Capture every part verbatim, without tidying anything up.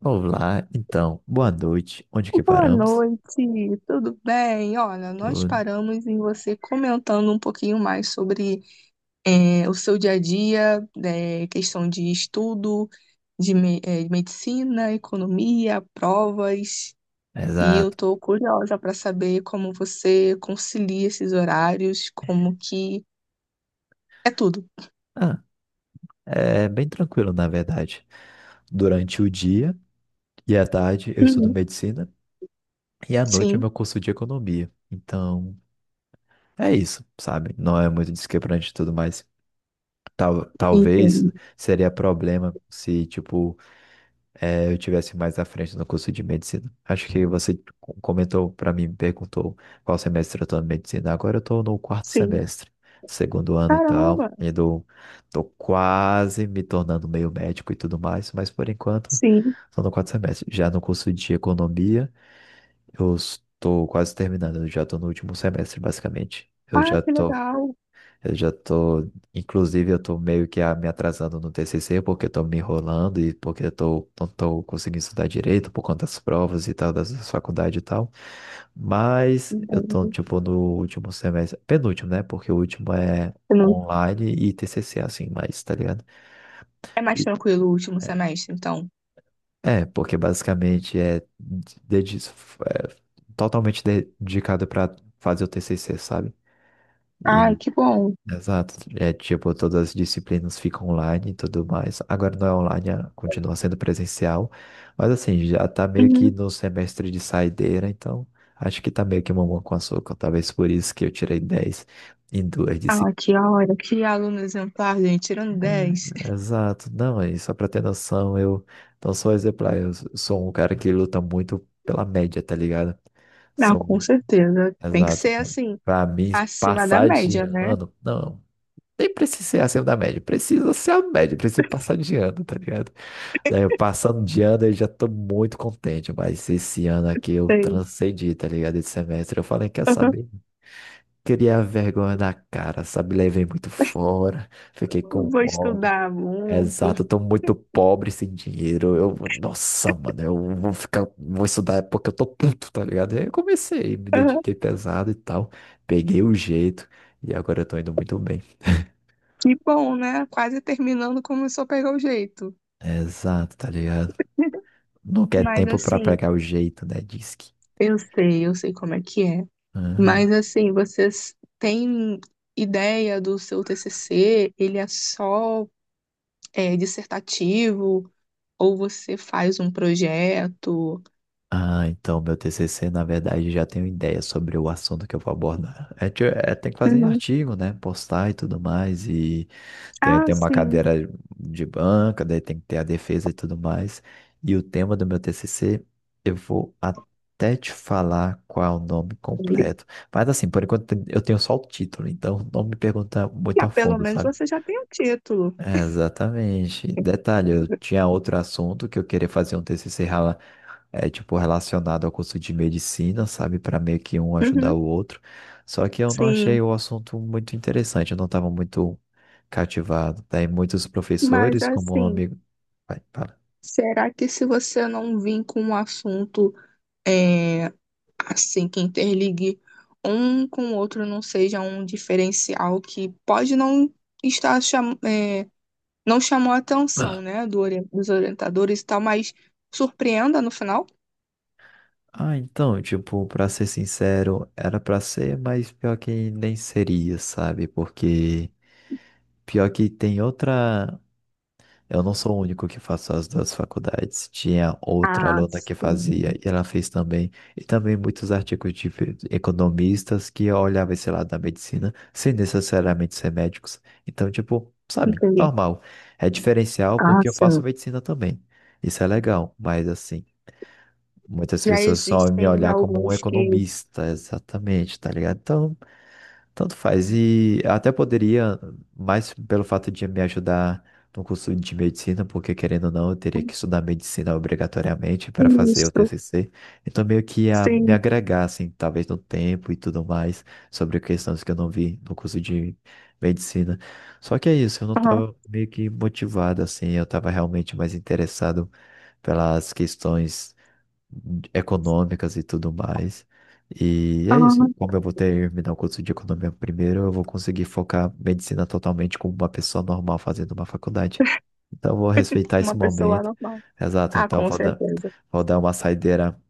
Olá, então, boa noite. Onde que Boa paramos? noite, tudo bem? Olha, nós Tudo. paramos em você comentando um pouquinho mais sobre eh, o seu dia a dia, eh, questão de estudo, de, me- eh, de medicina, economia, provas. E eu Exato. estou curiosa para saber como você concilia esses horários, como que é tudo. Ah, é bem tranquilo, na verdade. Durante o dia e à tarde eu estudo Uhum. medicina e à noite é Sim, meu curso de economia. Então, é isso, sabe? Não é muito desquebrante e tudo mais. Tal, talvez entendo. seria problema se, tipo, eh, eu tivesse mais à frente no curso de medicina. Acho que você co- comentou para mim, me perguntou qual semestre eu estou na medicina. Agora eu estou no quarto Sim. semestre, segundo ano e tal. Caramba, E do, tô quase me tornando meio médico e tudo mais, mas por enquanto sim. estou no quarto semestre. Já no curso de economia, eu estou quase terminando, eu já estou no último semestre, basicamente. Eu Ah, já que estou legal. eu já tô, inclusive, eu tô meio que ah, me atrasando no tê cê cê porque eu tô me enrolando e porque eu tô, não tô conseguindo estudar direito por conta das provas e tal, das das faculdades e tal. Mas eu tô, Entendo. tipo, no último semestre, penúltimo, né? Porque o último é Você não- online e tê cê cê, assim, mas, tá ligado? É mais E- tranquilo o último é, semestre, então. é, porque basicamente é, dedi- é totalmente de- dedicado para fazer o tê cê cê, sabe? Ai, que bom. Exato. É tipo, todas as disciplinas ficam online e tudo mais. Agora não é online, é- continua sendo presencial. Mas assim, já tá meio que Uhum. no semestre de saideira, então acho que tá meio que mamão com açúcar. Talvez por isso que eu tirei dez em duas Ah, disciplinas. que hora, que aluno exemplar, gente, tirando dez. Exato. Não, e só pra ter noção, eu não sou exemplar, eu s- sou um cara que luta muito pela média, tá ligado? Não, com São, certeza. Tem que exato. ser Tipo, assim, pra mim, acima da passar de média, né? ano, não. Nem precisa ser acima da média, precisa ser a média, precisa passar de ano, tá ligado? Daí eu passando de ano eu já tô muito contente, mas esse ano aqui eu Sei. transcendi, tá ligado? Esse semestre eu falei, quer Uhum. saber? Queria a vergonha na cara, sabe? Levei muito fora, fiquei com Vou ódio. estudar muito. Exato, eu tô muito pobre sem dinheiro. Eu, nossa, mano, eu vou ficar, vou estudar porque eu tô puto, tá ligado? Aí eu comecei, me Uhum. dediquei pesado e tal, peguei o jeito e agora eu tô indo muito bem. Que bom, né? Quase terminando, começou a pegar o jeito. Exato, tá ligado? Não quer Mas tempo para assim, pegar o jeito, né? Diz que. eu sei, eu sei como é que é. Aham. Mas assim, vocês têm ideia do seu T C C? Ele é só é, dissertativo? Ou você faz um projeto? Ah, então meu tê cê cê, na verdade, já tenho ideia sobre o assunto que eu vou abordar. É, ti- é, tem que fazer Uhum. artigo, né? Postar e tudo mais. E tem, Ah, tem uma sim. cadeira de banca, daí tem que ter a defesa e tudo mais. E o tema do meu tê cê cê, eu vou até te falar qual é o nome completo. Mas assim, por enquanto eu tenho só o título, então não me pergunta muito Ah, a pelo fundo, menos sabe? você já tem o título. É, exatamente. Detalhe, eu tinha outro assunto que eu queria fazer um tê cê cê rela- é, tipo, relacionado ao curso de medicina, sabe? Para meio que um ajudar Uhum. o outro. Só que eu não Sim, achei o assunto muito interessante, eu não estava muito cativado. Daí muitos mas professores, como um assim, amigo. Vai, fala. será que se você não vir com um assunto é, assim que interligue um com o outro não seja um diferencial que pode não estar cham é, não chamou a atenção, né, do ori- dos orientadores e tal, mas surpreenda no final? Ah, então, tipo, pra ser sincero, era pra ser, mas pior que nem seria, sabe? Porque pior que tem outra. Eu não sou o único que faço as duas faculdades. Tinha outra Ah, aluna que fazia sim. e ela fez também. E também muitos artigos de fe- economistas que olhavam esse lado da medicina sem necessariamente ser médicos. Então, tipo, sabe, Entendi. normal. É diferencial Ah, porque eu faço sim. medicina também. Isso é legal, mas assim, muitas Já pessoas só me existem olhar como um alguns que economista, exatamente, tá ligado? Então, tanto faz. E eu até poderia, mais pelo fato de me ajudar no curso de medicina, porque querendo ou não, eu teria que estudar medicina obrigatoriamente para fazer o isso, tê cê cê. Então, meio que ia me sim. agregar, assim, talvez no tempo e tudo mais, sobre questões que eu não vi no curso de medicina. Só que é isso, eu não Aham, estava meio que motivado, assim, eu estava realmente mais interessado pelas questões econômicas e tudo mais. E é isso. aham. Como eu vou terminar o curso de economia primeiro, eu vou conseguir focar medicina totalmente como uma pessoa normal fazendo uma faculdade. Então, eu vou respeitar esse Uma pessoa momento. normal. Exato. Ah, Então, eu com vou dar, certeza. vou dar uma saideira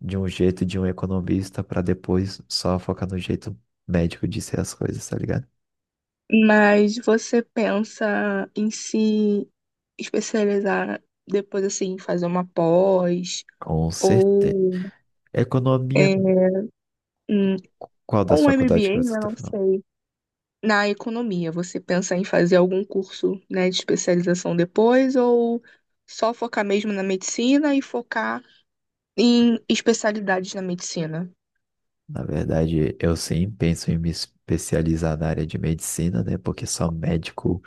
de um jeito de um economista para depois só focar no jeito médico de ser as coisas, tá ligado? Mas você pensa em se especializar depois, assim, fazer uma pós Com certeza. ou, Economia, é, um- qual das ou um faculdades M B A, que você né, está não falando? sei, na economia. Você pensa em fazer algum curso, né, de especialização depois ou só focar mesmo na medicina e focar em especialidades na medicina? Na verdade, eu sim penso em me especializar na área de medicina, né? Porque só médico,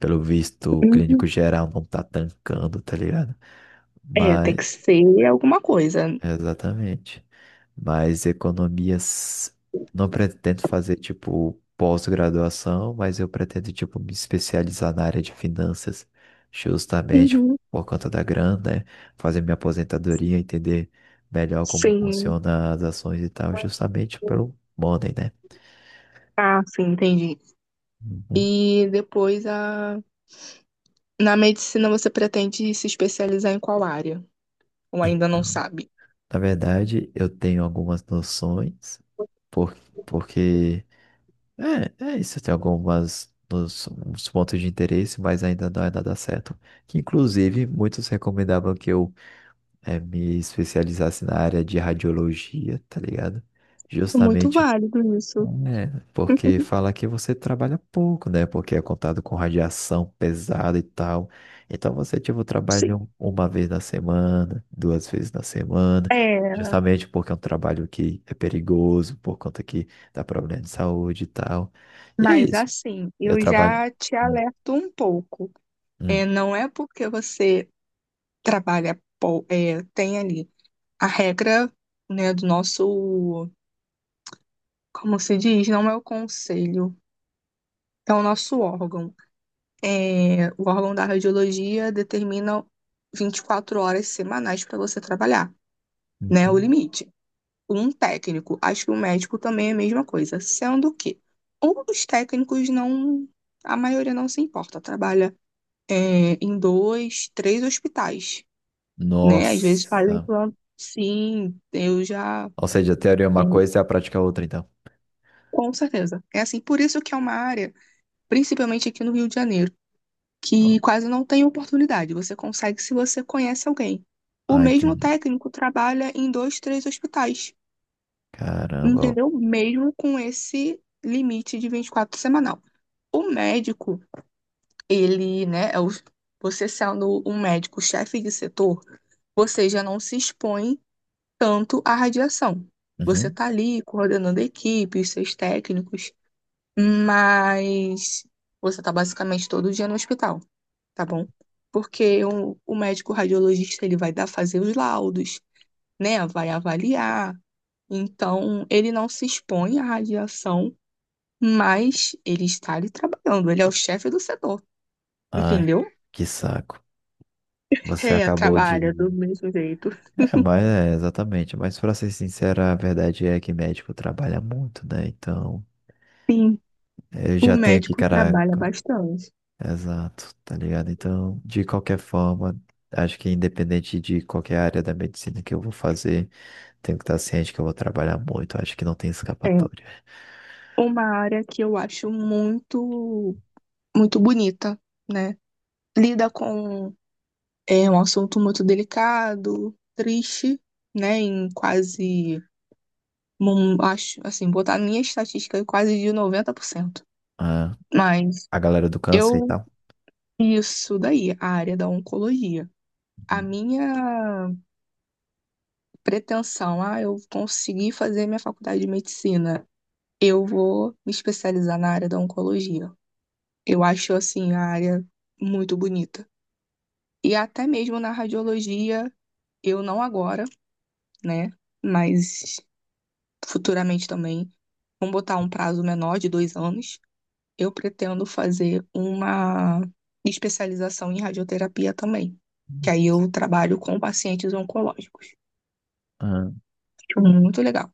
pelo visto, o clínico Uhum. geral não tá tancando, tá ligado? É, tem Mas, que ser alguma coisa. exatamente. Mas economias, não pretendo fazer, tipo, pós-graduação, mas eu pretendo, tipo, me especializar na área de finanças, justamente Uhum. por conta da grana, né? Fazer minha aposentadoria, entender melhor como Sim, funcionam as ações e tal, justamente pelo money, né? ah, sim, entendi. Uhum. E depois a... na medicina você pretende se especializar em qual área? Ou ainda não Então, sabe? na verdade, eu tenho algumas noções, por, porque é, é isso, eu tenho algumas nos, uns pontos de interesse, mas ainda não é nada certo. Que, inclusive, muitos recomendavam que eu eh, me especializasse na área de radiologia, tá ligado? Muito Justamente válido isso. é, porque fala que você trabalha pouco, né? Porque é contado com radiação pesada e tal. Então você, tipo, Sim. trabalha um- uma vez na semana, duas vezes na semana, É, justamente porque é um trabalho que é perigoso, por conta que dá problema de saúde e tal. E é mas isso. assim, Eu eu trabalho. já te Hum, alerto um pouco. É, hum, não é porque você trabalha, pou- é, tem ali a regra, né, do nosso, como se diz, não é o conselho, é o nosso órgão. É, o órgão da radiologia determina vinte e quatro horas semanais para você trabalhar, né? O uhum. limite. Um técnico, acho que o médico também é a mesma coisa, sendo que os técnicos não, a maioria não se importa, trabalha é, em dois, três hospitais, né? Às vezes fazem Nossa. plano. Sim, eu já, Ou seja, a teoria é uma coisa e a prática é outra, então. com certeza. É assim, por isso que é uma área, principalmente aqui no Rio de Janeiro que quase não tem oportunidade. Você consegue se você conhece alguém. O Ah, mesmo entendi. técnico trabalha em dois, três hospitais, Caramba. entendeu? Mesmo com esse limite de vinte e quatro semanal. O médico, ele, né, é o- você sendo um médico chefe de setor, você já não se expõe tanto à radiação. Você Uhum. está ali coordenando equipes, seus técnicos. Mas você tá basicamente todo dia no hospital, tá bom? Porque o, o médico radiologista, ele vai dar fazer os laudos, né? Vai avaliar. Então, ele não se expõe à radiação, mas ele está ali trabalhando. Ele é o chefe do setor, Ai, entendeu? que saco. Você É, acabou trabalha do de. mesmo jeito. É, mas é, exatamente. Mas pra ser sincero, a verdade é que médico trabalha muito, né? Então, Sim, eu o já tenho que, médico trabalha caraca, bastante. exato, tá ligado? Então, de qualquer forma, acho que independente de qualquer área da medicina que eu vou fazer, tenho que estar ciente que eu vou trabalhar muito. Acho que não tem É escapatória. uma área que eu acho muito, muito bonita, né? Lida com é um assunto muito delicado, triste, né? Em quase, hum, acho, assim, botar a minha estatística é quase de noventa por cento. Ah, Mas a galera do câncer e eu, tal. isso daí, a área da oncologia. A minha pretensão, ah, eu consegui fazer minha faculdade de medicina, eu vou me especializar na área da oncologia. Eu acho, assim, a área muito bonita. E até mesmo na radiologia, eu não agora, né? Mas futuramente também. Vamos botar um prazo menor de dois anos, eu pretendo fazer uma especialização em radioterapia também. Que aí eu trabalho com pacientes oncológicos. Uhum. Acho muito legal.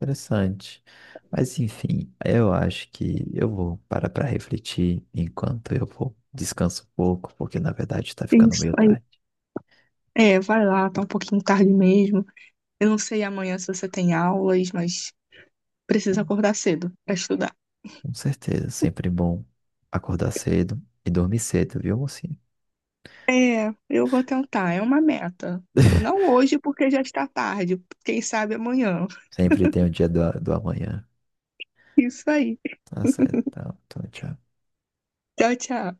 Interessante. Mas enfim, eu acho que eu vou parar para refletir enquanto eu vou descanso um pouco, porque na verdade está ficando Isso meio aí. tarde. É, vai lá, tá um pouquinho tarde mesmo. Eu não sei amanhã se você tem aulas, mas precisa acordar cedo para estudar. Com certeza, sempre bom acordar cedo e dormir cedo, viu, mocinha? É, eu vou tentar, é uma meta. Não hoje, porque já está tarde. Quem sabe amanhã. Sempre tem o dia do, do amanhã. Isso aí. Tá certo. Tá, então, tchau. Tchau, tchau.